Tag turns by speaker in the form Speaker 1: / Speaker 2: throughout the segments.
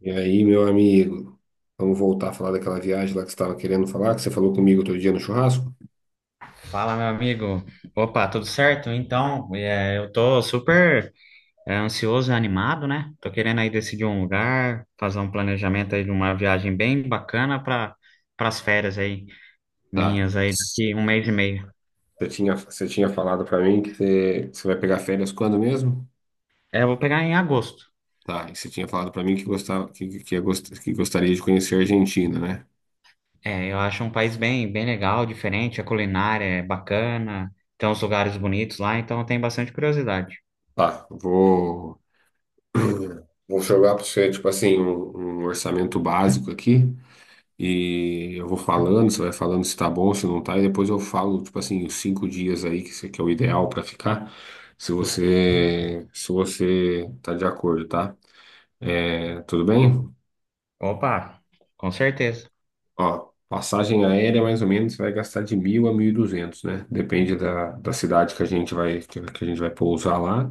Speaker 1: E aí, meu amigo, vamos voltar a falar daquela viagem lá que você estava querendo falar, que você falou comigo outro dia no churrasco?
Speaker 2: Fala, meu amigo. Opa, tudo certo? Então, eu tô super ansioso e animado, né? Tô querendo aí decidir um lugar, fazer um planejamento aí de uma viagem bem bacana para as férias aí
Speaker 1: Tá.
Speaker 2: minhas aí
Speaker 1: Você
Speaker 2: daqui um mês e meio.
Speaker 1: tinha, você tinha falado pra mim que você vai pegar férias quando mesmo?
Speaker 2: É, eu vou pegar em agosto.
Speaker 1: Tá. E você tinha falado pra mim que gostava, que gostaria de conhecer a Argentina, né?
Speaker 2: É, eu acho um país bem legal, diferente, a culinária é bacana, tem uns lugares bonitos lá, então eu tenho bastante curiosidade.
Speaker 1: Tá. Vou jogar pra você, tipo assim, um orçamento básico aqui. E eu vou falando, você vai falando se tá bom, se não tá, e depois eu falo, tipo assim, os 5 dias aí que você que é o ideal pra ficar, se você tá de acordo, tá? É, tudo bem?
Speaker 2: Opa, com certeza.
Speaker 1: Ó, passagem aérea, mais ou menos, você vai gastar de 1.000 a 1.200, né? Depende da cidade que a gente vai, que a gente vai pousar lá,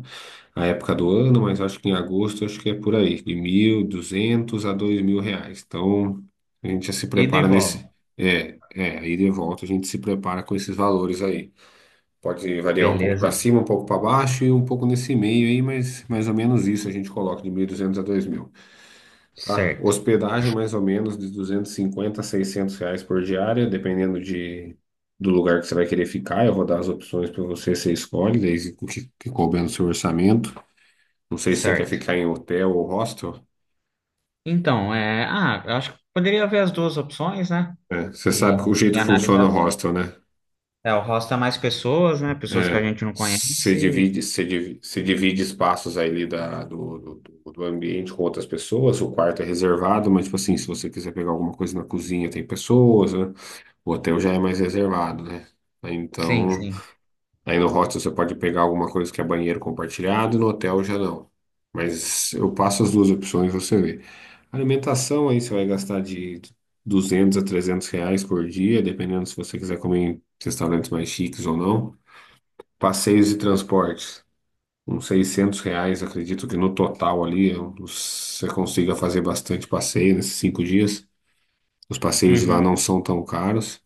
Speaker 1: a época do ano, mas eu acho que em agosto, eu acho que é por aí, de 1.200 a 2.000 reais. Então, a gente já se
Speaker 2: Ida e
Speaker 1: prepara
Speaker 2: volta.
Speaker 1: nesse. É, aí de volta a gente se prepara com esses valores aí. Pode variar um pouco para
Speaker 2: Beleza.
Speaker 1: cima, um pouco para baixo e um pouco nesse meio aí, mas mais ou menos isso a gente coloca de 1.200 a 2.000, tá?
Speaker 2: Certo,
Speaker 1: Hospedagem mais ou menos de 250 a 600 reais por diária, dependendo do lugar que você vai querer ficar. Eu vou dar as opções para você, você escolhe, desde o que, que couber no seu orçamento. Não sei se você quer
Speaker 2: certo.
Speaker 1: ficar em hotel ou hostel.
Speaker 2: Então, ah, eu acho que poderia haver as duas opções, né?
Speaker 1: Né? Você sabe o
Speaker 2: E, e
Speaker 1: jeito que funciona
Speaker 2: analisar.
Speaker 1: o hostel, né?
Speaker 2: É, o rosto é mais pessoas, né? Pessoas que a
Speaker 1: É,
Speaker 2: gente não conhece.
Speaker 1: você divide espaços ali da, do, do, do- do ambiente com outras pessoas, o quarto é reservado, mas, tipo assim, se você quiser pegar alguma coisa na cozinha, tem pessoas, né? O hotel já é mais reservado, né? Aí,
Speaker 2: Sim,
Speaker 1: Então,
Speaker 2: sim.
Speaker 1: aí no hostel você pode pegar alguma coisa que é banheiro compartilhado, no hotel já não. Mas eu passo as duas opções, você vê. Alimentação, aí você vai gastar de 200 a 300 reais por dia, dependendo se você quiser comer em restaurantes mais chiques ou não. Passeios e transportes, uns 600 reais, acredito que no total ali você consiga fazer bastante passeio nesses 5 dias. Os passeios de lá
Speaker 2: Uhum,
Speaker 1: não são tão caros.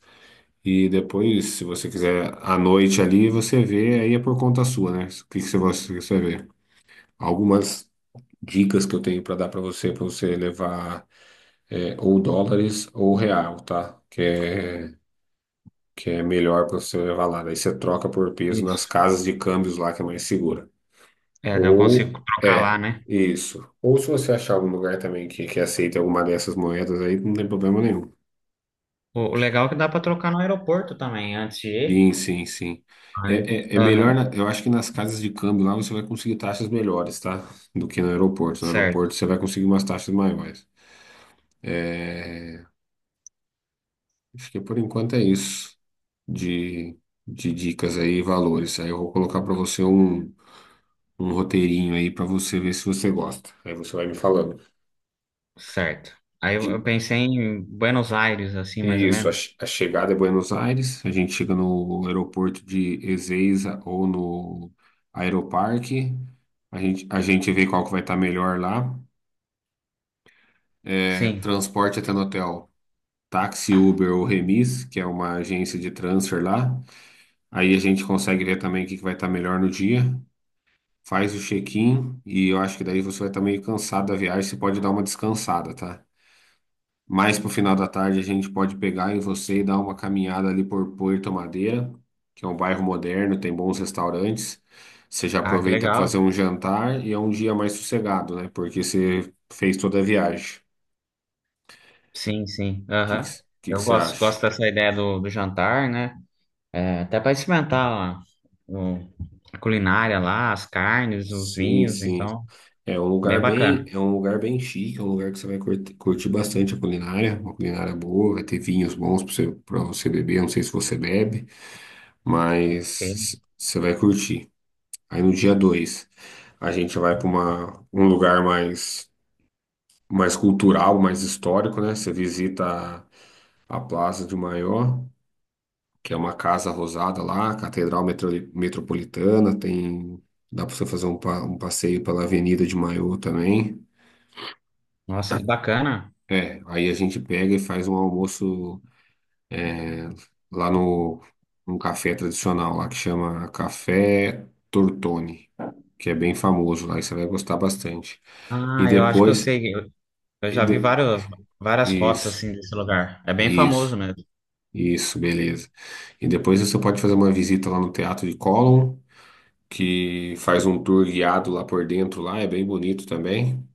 Speaker 1: E depois, se você quiser à noite ali, você vê, aí é por conta sua, né? O que que você vê? Algumas dicas que eu tenho para dar para você levar ou dólares ou real, tá? Que é melhor para você levar lá. Daí você troca por peso nas
Speaker 2: isso.
Speaker 1: casas de câmbios lá, que é mais segura.
Speaker 2: É, daí eu consigo
Speaker 1: Ou
Speaker 2: trocar
Speaker 1: é,
Speaker 2: lá, né?
Speaker 1: isso. Ou se você achar algum lugar também que aceite alguma dessas moedas aí, não tem problema nenhum.
Speaker 2: O legal é que dá para trocar no aeroporto também, antes de ir.
Speaker 1: Sim, sim, sim. É,
Speaker 2: Mas,
Speaker 1: é melhor,
Speaker 2: aham,
Speaker 1: eu acho que nas casas de câmbio lá você vai conseguir taxas melhores, tá? Do que no aeroporto. No
Speaker 2: certo,
Speaker 1: aeroporto você vai conseguir umas taxas maiores. É, acho que por enquanto é isso de, de dicas aí e valores. Aí eu vou colocar para você um roteirinho aí para você ver se você gosta. Aí você vai me falando.
Speaker 2: certo. Aí eu pensei em Buenos Aires, assim, mais ou
Speaker 1: Isso,
Speaker 2: menos.
Speaker 1: a chegada é Buenos Aires, a gente chega no aeroporto de Ezeiza ou no Aeroparque, a gente vê qual que vai estar melhor lá. É,
Speaker 2: Sim.
Speaker 1: transporte até no hotel, táxi, Uber ou Remis, que é uma agência de transfer lá. Aí a gente consegue ver também o que que vai estar melhor no dia, faz o check-in e eu acho que daí você vai estar meio cansado da viagem, você pode dar uma descansada, tá? Mais pro final da tarde a gente pode pegar em você e dar uma caminhada ali por Puerto Madeira, que é um bairro moderno, tem bons restaurantes. Você já
Speaker 2: Ah, que
Speaker 1: aproveita para fazer
Speaker 2: legal.
Speaker 1: um jantar e é um dia mais sossegado, né? Porque você fez toda a viagem. O
Speaker 2: Sim, sim.
Speaker 1: que que,
Speaker 2: Aham.
Speaker 1: que que
Speaker 2: Eu
Speaker 1: você acha?
Speaker 2: gosto dessa ideia do jantar, né? É, até para experimentar ó, o- a culinária lá, as carnes, os
Speaker 1: Sim,
Speaker 2: vinhos,
Speaker 1: sim.
Speaker 2: então,
Speaker 1: É um
Speaker 2: bem
Speaker 1: lugar
Speaker 2: bacana.
Speaker 1: bem, é um lugar bem chique, é um lugar que você vai curtir, bastante a culinária, uma culinária boa, vai ter vinhos bons para você beber, eu não sei se você bebe,
Speaker 2: Bem-
Speaker 1: mas você vai curtir. Aí no dia 2 a gente vai para uma um lugar mais cultural, mais histórico, né? Você visita a Plaza de Maior, que é uma casa rosada lá, Metropolitana, tem dá para você fazer um passeio pela Avenida de Maior também.
Speaker 2: Nossa, que bacana.
Speaker 1: É, aí a gente pega e faz um almoço lá no um café tradicional lá que chama Café Tortoni, que é bem famoso lá, e você vai gostar bastante. E
Speaker 2: Ah, eu acho que eu
Speaker 1: depois
Speaker 2: sei. Eu já vi várias fotos
Speaker 1: Isso,
Speaker 2: assim desse lugar. É bem famoso
Speaker 1: isso,
Speaker 2: mesmo.
Speaker 1: isso, beleza. E depois você pode fazer uma visita lá no Teatro de Colón, que faz um tour guiado lá por dentro, lá é bem bonito também.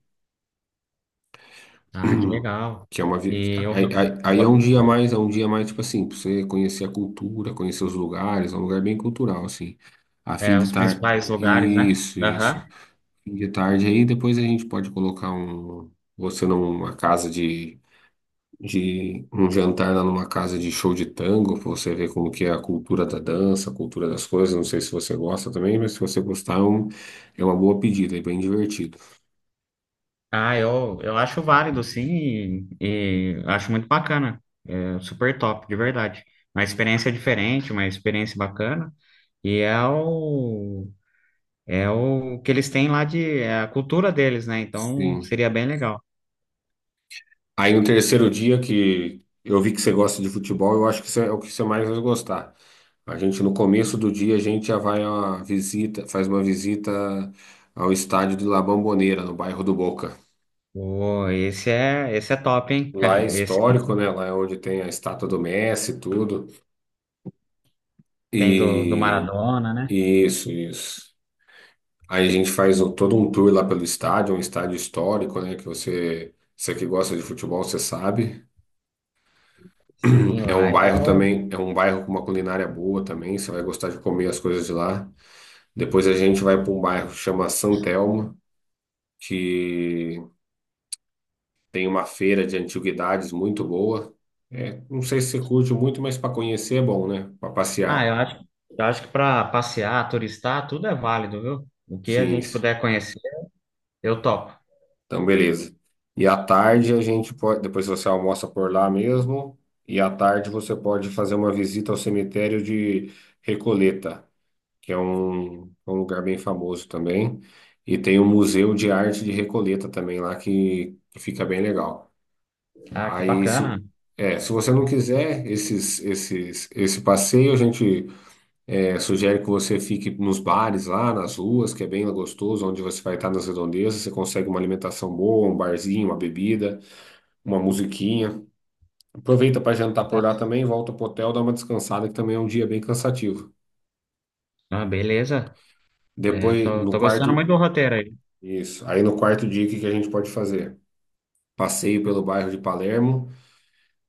Speaker 2: Ah, que legal.
Speaker 1: Que é uma vi-
Speaker 2: E o-
Speaker 1: aí, aí- aí é um
Speaker 2: o-
Speaker 1: dia a mais, é um dia a mais tipo assim, pra você conhecer a cultura, conhecer os lugares, é um lugar bem cultural assim. A fim
Speaker 2: é,
Speaker 1: de
Speaker 2: os
Speaker 1: tarde,
Speaker 2: principais lugares, né?
Speaker 1: isso, isso.
Speaker 2: Aham.
Speaker 1: Fim de tarde aí, depois a gente pode colocar você numa casa de um jantar lá numa casa de show de tango, pra você ver como que é a cultura da dança, a cultura das coisas. Não sei se você gosta também, mas se você gostar, é é uma boa pedida, é bem divertido.
Speaker 2: Ah, eu acho válido, sim, e acho muito bacana. É super top, de verdade. Uma experiência diferente, uma experiência bacana. E é o É o que eles têm lá de, é a cultura deles, né? Então
Speaker 1: Sim.
Speaker 2: seria bem legal.
Speaker 1: Aí no terceiro dia que eu vi que você gosta de futebol, eu acho que isso é o que você mais vai gostar. A gente no começo do dia a gente já vai a uma visita, faz uma visita ao estádio de La Bombonera, no bairro do Boca.
Speaker 2: Pô, esse é top, hein?
Speaker 1: Lá é
Speaker 2: Esse
Speaker 1: histórico, né? Lá é onde tem a estátua do Messi e tudo.
Speaker 2: tem do
Speaker 1: E
Speaker 2: Maradona, né?
Speaker 1: Isso, isso. Aí a gente todo um tour lá pelo estádio, um estádio histórico, né? Que você que gosta de futebol, você sabe.
Speaker 2: Sim,
Speaker 1: É um
Speaker 2: lá é
Speaker 1: bairro
Speaker 2: o.
Speaker 1: também, é um bairro com uma culinária boa também, você vai gostar de comer as coisas de lá. Depois a gente vai para um bairro que chama San Telmo, que tem uma feira de antiguidades muito boa. É, não sei se você curte muito, mas para conhecer é bom, né? Para
Speaker 2: Ah,
Speaker 1: passear.
Speaker 2: eu acho que para passear, turistar, tudo é válido, viu? O que a
Speaker 1: Sim.
Speaker 2: gente puder conhecer, eu topo.
Speaker 1: Então, beleza. E à tarde a gente pode, depois você almoça por lá mesmo, e à tarde você pode fazer uma visita ao cemitério de Recoleta, que é é um lugar bem famoso também, e tem o Museu de Arte de Recoleta também lá que fica bem legal.
Speaker 2: Ah, que
Speaker 1: Aí,
Speaker 2: bacana.
Speaker 1: se você não quiser esse passeio, a gente sugere que você fique nos bares lá, nas ruas, que é bem gostoso, onde você vai estar nas redondezas. Você consegue uma alimentação boa, um barzinho, uma bebida, uma musiquinha. Aproveita para jantar por lá também, volta pro hotel, dá uma descansada, que também é um dia bem cansativo.
Speaker 2: Ah, beleza. É,
Speaker 1: Depois, no
Speaker 2: tô gostando muito
Speaker 1: quarto,
Speaker 2: do roteiro aí.
Speaker 1: isso. Aí no quarto dia, o que que a gente pode fazer? Passeio pelo bairro de Palermo,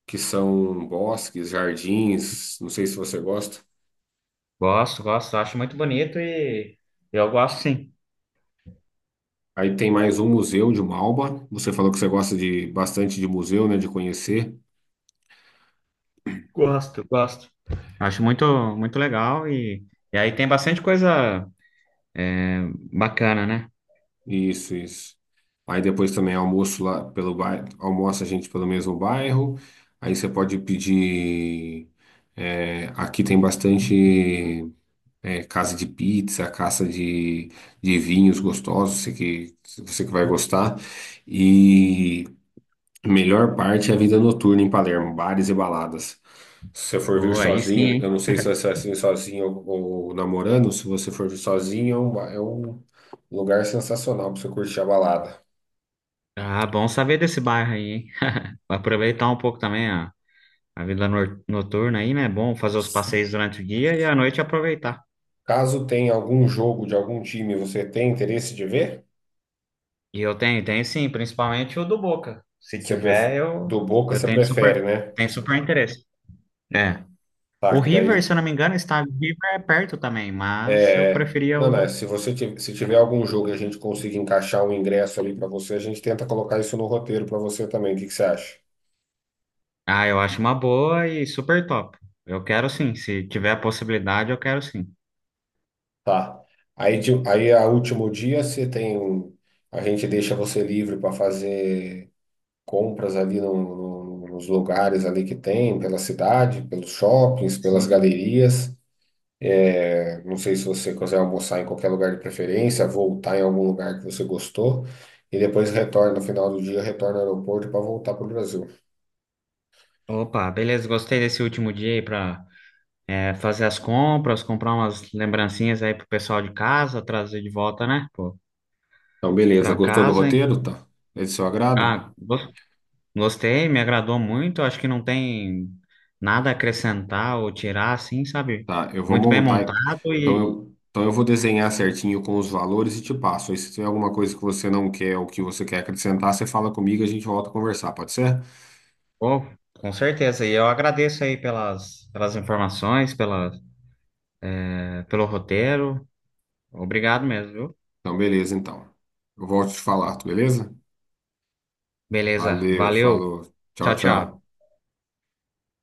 Speaker 1: que são bosques, jardins, não sei se você gosta.
Speaker 2: Gosto, gosto, acho muito bonito e eu gosto sim.
Speaker 1: Aí tem mais um museu de Malba. Você falou que você gosta de bastante de museu, né, de conhecer.
Speaker 2: Gosto, gosto. Acho muito, muito legal e aí tem bastante coisa bacana, né?
Speaker 1: Isso, isso. Aí depois também almoço lá pelo bairro, almoça a gente pelo mesmo bairro. Aí você pode pedir. Aqui tem bastante casa de pizza, casa de vinhos gostosos, você que vai gostar. E Melhor parte é a vida noturna em Palermo, bares e baladas. Se você for vir
Speaker 2: Pô, aí sim,
Speaker 1: sozinho, eu
Speaker 2: hein?
Speaker 1: não sei se vai ser assim sozinho ou namorando, se você for vir sozinho, é é um lugar sensacional para você curtir a balada.
Speaker 2: Ah, bom saber desse bairro aí, hein? Aproveitar um pouco também a vida noturna aí, né? É bom fazer os passeios durante o dia e à noite aproveitar.
Speaker 1: Caso tenha algum jogo de algum time, você tem interesse de ver?
Speaker 2: E eu tenho, tenho sim, principalmente o do Boca. Se
Speaker 1: Você pref-
Speaker 2: tiver,
Speaker 1: Do Boca
Speaker 2: eu
Speaker 1: você prefere, né?
Speaker 2: tenho super interesse. É. O
Speaker 1: Tá, que
Speaker 2: River, se
Speaker 1: daí.
Speaker 2: eu não me engano, está River é perto também, mas eu preferia
Speaker 1: Não,
Speaker 2: o
Speaker 1: não, se você se tiver algum jogo e a gente conseguir encaixar um ingresso ali para você, a gente tenta colocar isso no roteiro para você também. O que que você acha?
Speaker 2: Ah, eu acho uma boa e super top. Eu quero sim, se tiver a possibilidade, eu quero sim.
Speaker 1: Tá. Aí a último dia você tem. A gente deixa você livre para fazer compras ali nos lugares ali que tem, pela cidade, pelos shoppings, pelas
Speaker 2: Sim.
Speaker 1: galerias. Não sei se você quiser almoçar em qualquer lugar de preferência, voltar em algum lugar que você gostou, e depois retorna no final do dia, retorna ao aeroporto para voltar para o Brasil.
Speaker 2: Opa, beleza, gostei desse último dia aí pra é, fazer as compras, comprar umas lembrancinhas aí pro pessoal de casa, trazer de volta, né, pô,
Speaker 1: Então, beleza.
Speaker 2: pra
Speaker 1: Gostou do
Speaker 2: casa.
Speaker 1: roteiro? Tá. É de seu agrado?
Speaker 2: Ah, gos- Gostei, me agradou muito. Acho que não tem nada a acrescentar ou tirar, assim, sabe?
Speaker 1: Tá, eu vou
Speaker 2: Muito bem
Speaker 1: montar.
Speaker 2: montado
Speaker 1: Então eu, então eu vou desenhar certinho com os valores e te passo. Aí se tiver alguma coisa que você não quer ou que você quer acrescentar, você fala comigo e a gente volta a conversar, pode ser?
Speaker 2: pô, com certeza. E eu agradeço aí pelas informações, é, pelo roteiro. Obrigado mesmo, viu?
Speaker 1: Então, beleza, então. Eu volto a te falar, beleza?
Speaker 2: Beleza,
Speaker 1: Valeu,
Speaker 2: valeu.
Speaker 1: falou. Tchau,
Speaker 2: Tchau,
Speaker 1: tchau.
Speaker 2: tchau.